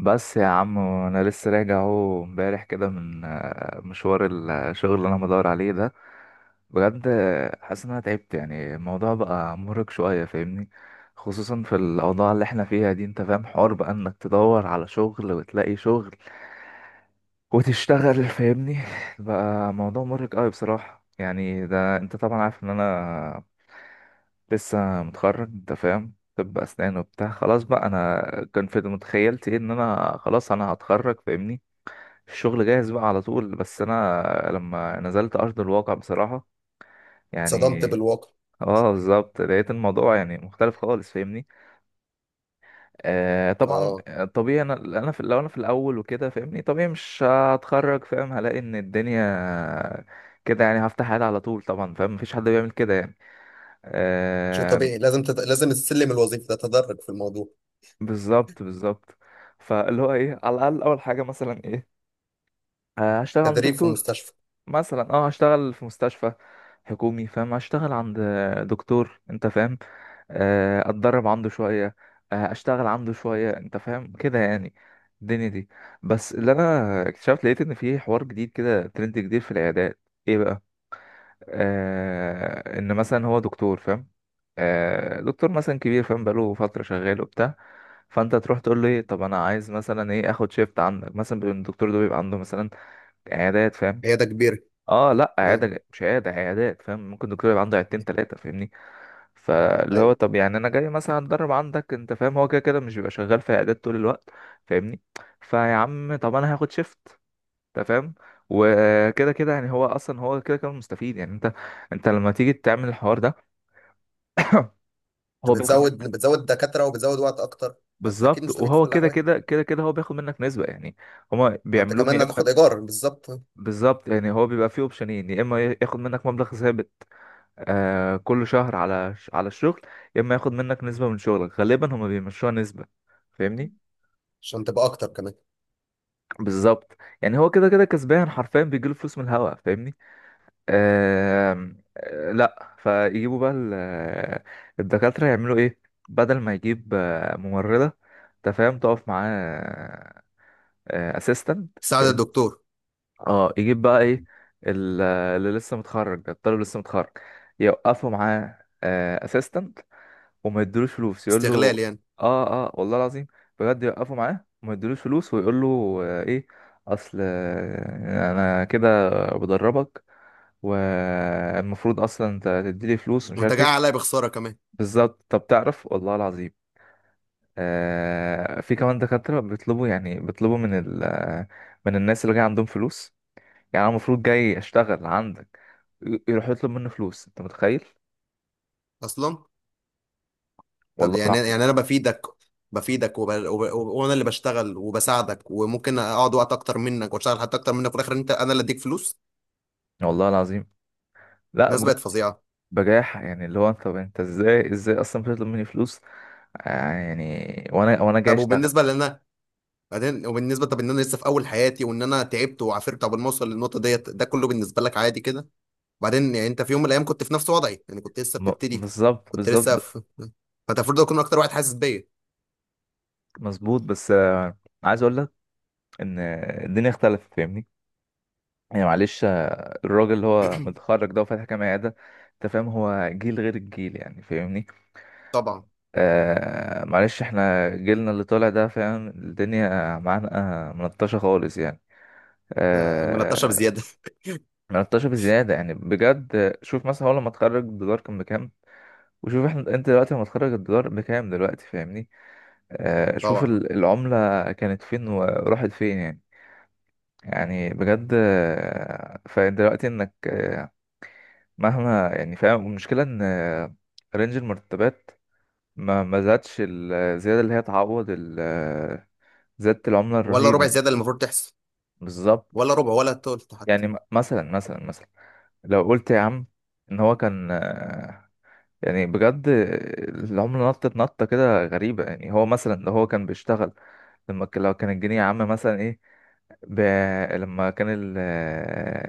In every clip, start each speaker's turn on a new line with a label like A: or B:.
A: بس يا عم انا لسه راجع اهو امبارح كده من مشوار الشغل اللي انا بدور عليه ده. بجد حاسس ان انا تعبت، يعني الموضوع بقى مرهق شويه فاهمني، خصوصا في الاوضاع اللي احنا فيها دي. انت فاهم حوار بقى انك تدور على شغل وتلاقي شغل وتشتغل فاهمني، بقى موضوع مرهق قوي بصراحة. يعني ده انت طبعا عارف ان انا لسه متخرج، انت فاهم، طب اسنان وبتاع، خلاص بقى انا كان في متخيلتي ايه، ان انا خلاص انا هتخرج فاهمني، الشغل جاهز بقى على طول. بس انا لما نزلت ارض الواقع بصراحة
B: صدمت
A: يعني،
B: بالواقع.
A: اه بالظبط، لقيت الموضوع يعني مختلف خالص فاهمني. آه طبعا،
B: اه،
A: طبيعي انا لو انا في الاول وكده فاهمني، طبيعي مش هتخرج فاهم، هلاقي ان الدنيا كده، يعني هفتح حالي على طول، طبعا فاهم، مفيش حد بيعمل كده يعني.
B: شيء
A: آه
B: طبيعي، لازم لازم السلم الوظيفي ده تدرج في الموضوع.
A: بالظبط بالظبط. فاللي هو ايه، على الاقل اول حاجه مثلا ايه، هشتغل عند
B: تدريب في
A: دكتور،
B: مستشفى.
A: مثلا اه هشتغل في مستشفى حكومي فاهم، هشتغل عند دكتور انت فاهم، اتدرب عنده شوية، اشتغل عنده شوية، انت فاهم كده يعني الدنيا دي. بس اللي انا اكتشفت، لقيت ان في حوار جديد كده، ترند جديد في العيادات. ايه بقى؟ ان مثلا هو دكتور فاهم، دكتور مثلا كبير فاهم، بقاله فترة شغال وبتاع، فانت تروح تقول له ايه، طب انا عايز مثلا ايه، اخد شيفت عندك مثلا. بيبقى الدكتور ده بيبقى عنده مثلا عيادات فاهم،
B: عياده كبيره.
A: اه لا
B: آه،
A: عياده، مش عياده، عيادات فاهم، ممكن الدكتور يبقى عنده عيادتين ثلاثه فاهمني. فاللي هو
B: ايوه.
A: طب يعني انا جاي مثلا اتدرب عندك انت فاهم، هو كده كده مش بيبقى شغال في عيادات طول الوقت فاهمني. فيا عم طب انا هاخد شيفت، انت فاهم، وكده كده يعني هو اصلا كده كده مستفيد يعني. انت انت لما تيجي تعمل الحوار ده هو
B: انت
A: بياخد
B: بتزود،
A: منك.
B: بتزود دكاتره وبتزود وقت اكتر. فانت اكيد
A: بالظبط،
B: مستفيد في
A: وهو
B: كل
A: كده
B: الاحوال.
A: كده كده كده هو بياخد منك نسبة يعني. هما
B: وانت
A: بيعملوهم
B: كمان
A: يا اما
B: هتاخد ايجار بالظبط.
A: بالظبط، يعني هو بيبقى فيه اوبشنين، يا اما ياخد منك مبلغ ثابت كل شهر على الشغل، يا اما ياخد منك نسبة من شغلك، غالبا هما بيمشوها نسبة فاهمني.
B: عشان تبقى اكتر كمان.
A: بالظبط، يعني هو كده كده كسبان حرفيا، بيجيله فلوس من الهوا فاهمني. آم، آه لا فيجيبوا بقى الدكاترة يعملوا ايه، بدل ما يجيب ممرضة انت فاهم تقف معاه، اسيستنت
B: تساعد
A: فاهم،
B: الدكتور.
A: اه يجيب بقى ايه، اللي لسه متخرج ده، الطالب لسه متخرج، يوقفوا معاه اسيستنت وما يدلوش فلوس. يقول له
B: استغلال يعني.
A: اه اه، والله العظيم بجد، يوقفوا معاه وما يدلوش فلوس، ويقول له ايه، اصل انا كده بدربك، والمفروض اصلا انت تديلي فلوس، مش
B: وانت
A: عارف
B: جاي عليا
A: ايه.
B: بخساره كمان.
A: بالظبط. طب تعرف، والله العظيم، في كمان دكاترة بيطلبوا، يعني بيطلبوا من ال آه، من الناس اللي جاي عندهم فلوس. يعني انا المفروض جاي اشتغل عندك، يروح يطلب منه فلوس، انت متخيل؟
B: اصلا. طب
A: والله
B: يعني،
A: العظيم،
B: يعني انا بفيدك، بفيدك وانا اللي بشتغل وبساعدك وممكن اقعد وقت اكتر منك واشتغل حتى اكتر منك، وفي الاخر انت انا اللي اديك فلوس.
A: والله العظيم، لا
B: الناس
A: بجد.
B: بقت فظيعه.
A: بجاحة يعني، اللي هو انت، طب انت ازاي اصلا بتطلب مني فلوس، يعني، وانا جاي
B: طب
A: اشتغل.
B: وبالنسبه لنا بعدين، وبالنسبه طب ان انا لسه في اول حياتي، وان انا تعبت وعافرت قبل ما اوصل للنقطه ديت، ده كله بالنسبه لك عادي كده؟ بعدين يعني انت في يوم من الايام كنت في نفس وضعي، يعني كنت لسه بتبتدي،
A: بالظبط
B: كنت لسه
A: بالظبط.
B: في، فانت المفروض تكون اكتر واحد حاسس بيا.
A: مظبوط، بس عايز اقول لك ان الدنيا اختلفت فاهمني. يعني معلش الراجل اللي هو متخرج ده وفاتح كام عيادة انت فاهم، هو جيل غير الجيل يعني فاهمني.
B: طبعا.
A: آه معلش، احنا جيلنا اللي طالع ده فاهم الدنيا معانا ملطشة خالص يعني.
B: ملطشه
A: آه
B: بزياده.
A: ملطشة بزيادة، يعني بجد شوف، مثلا هو لما اتخرج الدولار كان بكام، وشوف احنا، انت دلوقتي لما تخرج الدولار بكام دلوقتي فاهمني. آه شوف
B: طبعا.
A: العملة كانت فين وراحت فين يعني. يعني بجد، فانت دلوقتي انك مهما يعني فاهم، المشكلة ان رينج المرتبات ما زادش الزيادة اللي هي تعوض زيادة العملة
B: ولا
A: الرهيبة
B: ربع
A: دي.
B: زياده اللي المفروض تحصل.
A: بالظبط.
B: ولا ربع ولا تلت حتى.
A: يعني مثلا لو قلت يا عم ان هو كان يعني بجد، العملة نطت نطة كده غريبة. يعني هو مثلا لو هو كان بيشتغل، لو كان الجنيه يا عم مثلا ايه، ب... لما كان ال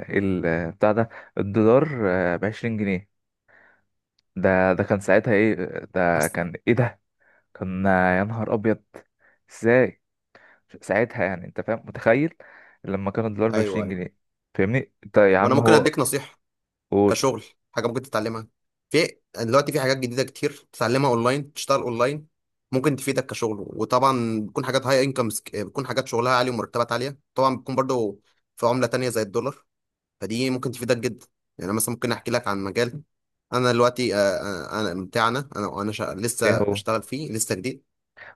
A: ال بتاع ده، الدولار بـ20 جنيه، ده كان ساعتها ايه، ده كان ايه، ده كان يا نهار ابيض. ازاي ساعتها يعني، انت فاهم متخيل، لما كان الدولار
B: ايوه
A: بعشرين
B: ايوه.
A: جنيه فاهمني انت يا
B: وانا
A: عم
B: ممكن
A: هو
B: اديك نصيحه.
A: قول
B: كشغل. حاجه ممكن تتعلمها. في دلوقتي في حاجات جديده كتير تتعلمها اونلاين، تشتغل اونلاين، ممكن تفيدك كشغل، وطبعا بتكون حاجات هاي انكمز، بتكون حاجات شغلها عالي ومرتبات عاليه، طبعا بتكون برضو في عمله تانية زي الدولار. فدي ممكن تفيدك جدا. يعني أنا مثلا ممكن احكي لك عن مجال انا دلوقتي انا بتاعنا انا انا شا...
A: ايه
B: لسه
A: هو.
B: بشتغل فيه، لسه جديد.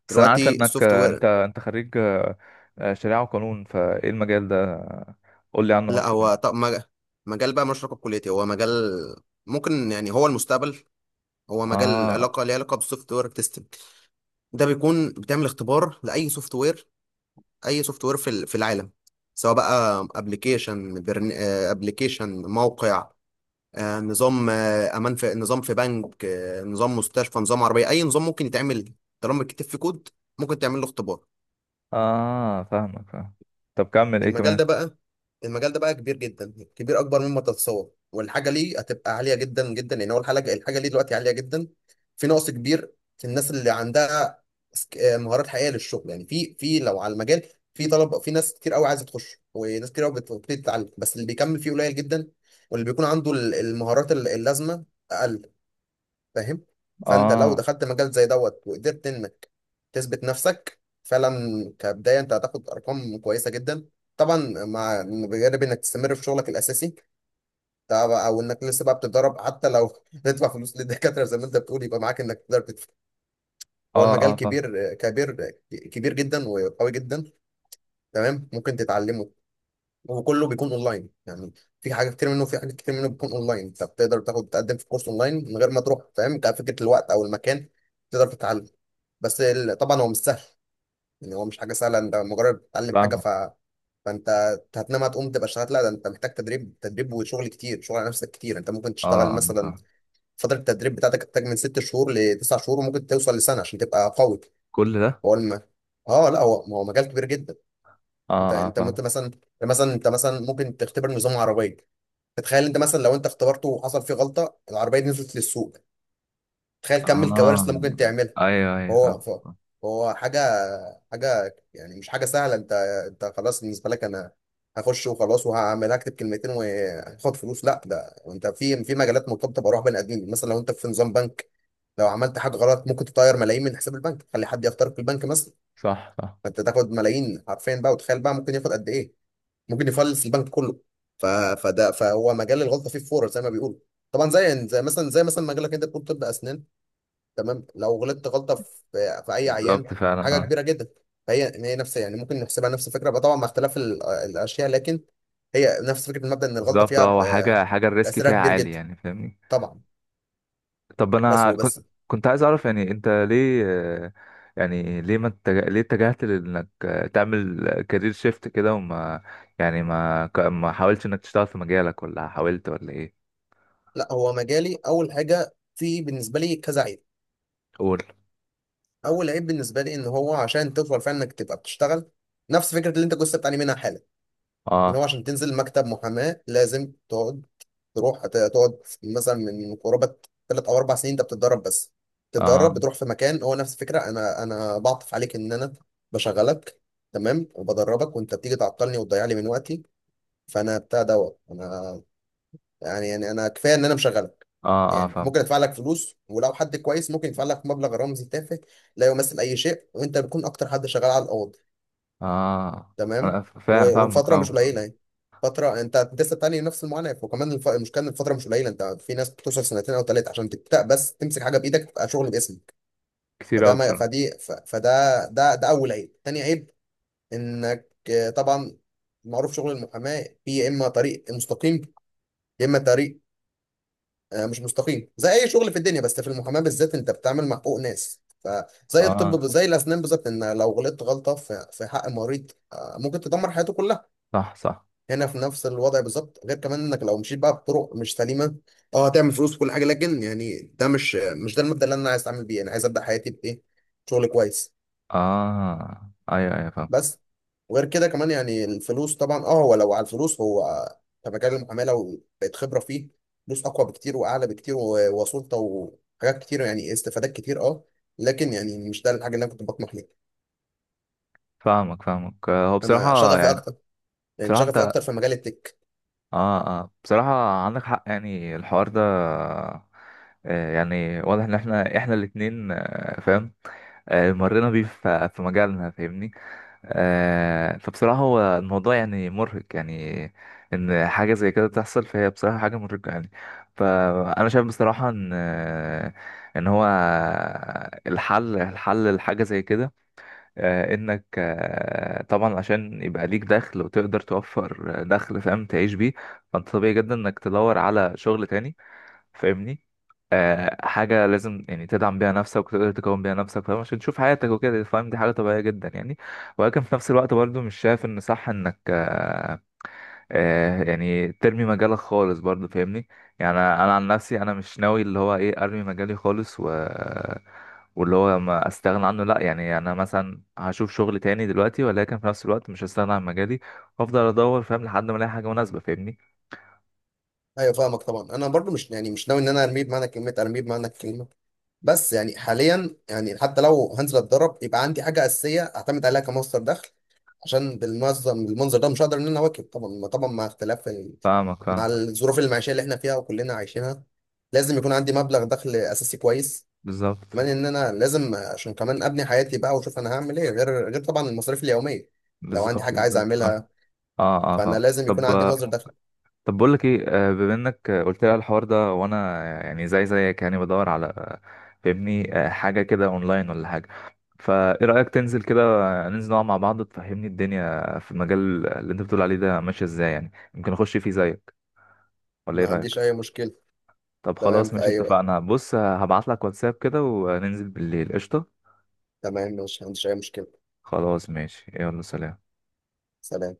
A: بس انا عارف
B: دلوقتي
A: انك
B: سوفت
A: انت
B: وير.
A: انت خريج شريعة وقانون، فايه المجال ده قول لي عنه
B: لا
A: اكتر يعني.
B: هو طب مجال بقى مش علاقه بكليتي، هو مجال ممكن، يعني هو المستقبل، هو مجال
A: اه
B: علاقه، ليه علاقه بالسوفت وير تيستنج. ده بيكون بتعمل اختبار لاي سوفت وير، اي سوفت وير في في العالم، سواء بقى ابلكيشن، ابلكيشن، موقع، نظام، امان، في نظام في بنك، نظام مستشفى، نظام عربيه، اي نظام ممكن يتعمل، طالما بيتكتب فيه كود ممكن تعمل له اختبار.
A: اه فاهمك فاهم. طب كمل ايه
B: المجال
A: كمان.
B: ده بقى، المجال ده بقى كبير جدا، كبير اكبر مما تتصور، والحاجه ليه هتبقى عاليه جدا جدا، لان هو الحاجه، الحاجه ليه دلوقتي عاليه جدا. في نقص كبير في الناس اللي عندها مهارات حقيقيه للشغل. يعني في لو على المجال، في طلب، في ناس كتير قوي عايزه تخش، وناس كتير قوي بتبتدي تتعلم، بس اللي بيكمل فيه قليل جدا، واللي بيكون عنده المهارات اللازمه اقل. فاهم. فانت لو
A: اه
B: دخلت مجال زي دوت وقدرت انك تثبت نفسك فعلا كبدايه، انت هتاخد ارقام كويسه جدا. طبعا مع، بجانب انك تستمر في شغلك الاساسي طبعا، او انك لسه بقى بتتدرب حتى، لو تدفع فلوس للدكاتره زي ما انت بتقول، يبقى معاك انك تقدر تدفع.
A: اه
B: هو المجال
A: اه فاهم.
B: كبير كبير كبير جدا وقوي جدا. تمام، ممكن تتعلمه وكله بيكون اونلاين. يعني في حاجه كتير منه، في حاجات كتير منه بيكون اونلاين، انت بتقدر تاخد، تقدم في كورس اونلاين من غير ما تروح، فاهم؟ كفكره الوقت او المكان تقدر تتعلم. بس طبعا هو مش سهل، يعني هو مش حاجه سهله انت مجرد بتتعلم حاجه
A: فاهمك
B: ف، فانت هتنام هتقوم تبقى اشتغلت، لا، ده انت محتاج تدريب، تدريب وشغل كتير، شغل على نفسك كتير. انت ممكن
A: اه،
B: تشتغل مثلا،
A: فاهم.
B: فتره التدريب بتاعتك تحتاج من ست شهور لتسع شهور، وممكن توصل لسنه عشان تبقى قوي.
A: كل ده؟
B: هو الم... اه لا هو، هو مجال كبير جدا.
A: اه اه فاهم.
B: مثلا، مثلا انت مثلا ممكن تختبر نظام عربيه. تتخيل انت مثلا لو انت اختبرته وحصل فيه غلطه، العربيه دي نزلت للسوق، تخيل كم الكوارث
A: اه
B: اللي ممكن تعملها.
A: ايوه ايوه
B: هو
A: فاهم
B: ف-
A: فاهم.
B: هو حاجة، حاجة يعني مش حاجة سهلة. انت، انت خلاص بالنسبة لك انا هخش وخلاص وهعمل، اكتب كلمتين وهاخد فلوس، لا، ده انت في، في مجالات مرتبطة بارواح بني ادمين. مثلا لو انت في نظام بنك، لو عملت حاجة غلط ممكن تطير ملايين من حساب البنك، تخلي حد يخترق البنك مثلا.
A: صح صح.
B: فانت تاخد ملايين حرفيا بقى، وتخيل بقى ممكن ياخد قد ايه، ممكن يفلس البنك كله. فده، فهو مجال الغلطة فيه فورة زي ما بيقولوا. طبعا زي، زي مثلا، زي مثلا مجالك انت بتقول طب اسنان، تمام، لو غلطت غلطه في، في اي عيان،
A: بالظبط فعلا
B: حاجه
A: اه.
B: كبيره جدا. فهي إن هي نفس، يعني ممكن نحسبها نفس الفكره بقى، طبعا مع اختلاف الاشياء، لكن هي نفس فكره، المبدا ان الغلطه
A: بالظبط
B: فيها
A: اه، هو حاجة، حاجة الريسك
B: تاثيرها
A: فيها
B: كبير
A: عالي
B: جدا.
A: يعني فاهمني.
B: طبعا.
A: طب
B: بس
A: انا كنت،
B: وبس.
A: كنت عايز اعرف يعني انت ليه يعني ليه ما اتجه... ليه اتجهت لانك تعمل كارير شيفت كده، وما يعني ما حاولتش انك تشتغل في مجالك، ولا حاولت، ولا ايه؟
B: لا، هو مجالي اول حاجه في بالنسبه لي كذا عيب.
A: قول.
B: اول عيب بالنسبه لي ان هو عشان تفضل فعلا انك تبقى بتشتغل، نفس فكره اللي انت كنت بتعاني منها حالا، ان هو
A: اه
B: عشان تنزل مكتب محاماه لازم تقعد تروح، هتقعد مثلا من قرابة ثلاث أو أربع سنين أنت بتتدرب بس.
A: اه
B: تتدرب، بتروح في مكان هو نفس الفكرة، أنا بعطف عليك إن أنا بشغلك تمام وبدربك، وأنت بتيجي تعطلني وتضيع لي من وقتي. فأنا بتاع دوت أنا، يعني يعني أنا كفاية إن أنا مشغلك.
A: اه اه
B: يعني
A: فاهم.
B: ممكن أدفع لك فلوس، ولو حد كويس ممكن يدفع لك مبلغ رمزي تافه لا يمثل أي شيء، وأنت بتكون أكتر حد شغال على الأوض.
A: اه
B: تمام.
A: فاهمك
B: والفتره مش قليله
A: فاهم.
B: يعني، فتره انت لسه بتعاني من نفس المعاناه، وكمان المشكله ان الفتره مش قليله، انت في ناس بتوصل سنتين او ثلاثه عشان تبدا بس، تمسك حاجه بايدك تبقى شغل باسمك.
A: كتير
B: فده
A: قوي
B: ما
A: بصراحه.
B: فدي ف... فده ده ده اول عيب. تاني عيب انك طبعا، معروف شغل المحاماه، في يا اما طريق مستقيم، يا اما طريق مش مستقيم، زي اي شغل في الدنيا، بس في المحاماه بالذات انت بتعمل مع حقوق ناس، فزي
A: اه
B: الطب زي الاسنان بالظبط، ان لو غلطت غلطه في، في حق المريض ممكن تدمر حياته كلها.
A: صح صح.
B: هنا في نفس الوضع بالظبط، غير كمان انك لو مشيت بقى بطرق مش سليمه، اه هتعمل فلوس وكل حاجه، لكن يعني ده مش، مش ده المبدأ اللي انا عايز اتعامل بيه. انا عايز ابدا حياتي بايه، شغل كويس.
A: اه ايوه ايوه فاهم.
B: بس. وغير كده كمان يعني الفلوس، طبعا اه، هو لو على الفلوس هو كمجال المعامله وبقت خبره فيه فلوس اقوى بكتير واعلى بكتير، وسلطه وحاجات كتير يعني استفادات كتير اه، لكن يعني مش ده الحاجه اللي انا كنت بطمح ليها.
A: فاهمك فاهمك، هو
B: انا
A: بصراحه
B: شغفي
A: يعني.
B: اكتر، يعني
A: بصراحه
B: شغفي
A: انت،
B: اكتر في مجال التك.
A: اه اه بصراحة عندك حق، يعني الحوار ده يعني واضح ان احنا الاتنين فاهم مرينا بيه في مجالنا فاهمني. فبصراحة هو الموضوع يعني مرهق يعني، ان حاجة زي كده تحصل، فهي بصراحة حاجة مرهقة يعني. فانا شايف بصراحة ان ان هو الحل لحاجة زي كده انك طبعا عشان يبقى ليك دخل، وتقدر توفر دخل فاهم تعيش بيه. فانت طبيعي جدا انك تدور على شغل تاني فاهمني، حاجة لازم يعني تدعم بيها نفسك، وتقدر تكون بيها نفسك فاهم، عشان تشوف حياتك وكده فاهم، دي حاجة طبيعية جدا يعني. ولكن في نفس الوقت برضو مش شايف ان صح انك يعني ترمي مجالك خالص برضه فاهمني. يعني انا عن نفسي انا مش ناوي اللي هو ايه، ارمي مجالي خالص و، واللي هو ما استغنى عنه لا، يعني انا مثلا هشوف شغل تاني دلوقتي، ولكن في نفس الوقت مش هستغنى عن مجالي، وافضل ادور فاهم لحد ما الاقي حاجه مناسبه فاهمني.
B: ايوه فاهمك، طبعا انا برضو مش يعني، مش ناوي ان انا ارميه بمعنى كلمه ارميه بمعنى الكلمه، بس يعني حاليا، يعني حتى لو هنزل اتدرب يبقى عندي حاجه اساسيه اعتمد عليها كمصدر دخل، عشان بالمنظم، المنظر ده مش هقدر ان انا اواكب. طبعا طبعا مع اختلاف
A: فاهمك
B: مع
A: فاهم.
B: الظروف المعيشيه اللي احنا فيها وكلنا عايشينها، لازم يكون عندي مبلغ دخل اساسي كويس.
A: بالظبط
B: كمان ان انا لازم، عشان كمان ابني حياتي بقى، واشوف انا هعمل ايه غير، غير طبعا المصاريف اليوميه، لو عندي
A: بالظبط.
B: حاجه عايز
A: بالظبط فاهم.
B: اعملها،
A: اه اه
B: فانا
A: فاهم.
B: لازم يكون
A: طب
B: عندي مصدر دخل.
A: طب بقول لك ايه، بما انك قلت لي على الحوار ده، وانا يعني زيك يعني بدور على فاهمني حاجه كده اونلاين ولا حاجه، فايه رايك تنزل كده ننزل نقعد مع بعض، تفهمني الدنيا في المجال اللي انت بتقول عليه ده ماشيه ازاي، يعني يمكن اخش فيه زيك، ولا ايه
B: ما
A: رايك؟
B: عنديش اي مشكله.
A: طب
B: تمام،
A: خلاص
B: في
A: ماشي،
B: اي وقت.
A: اتفقنا. بص هبعت لك واتساب كده وننزل بالليل، قشطه.
B: تمام ماشي، ما عنديش أي مشكلة.
A: خلاص ماشي، يلا سلام.
B: سلام.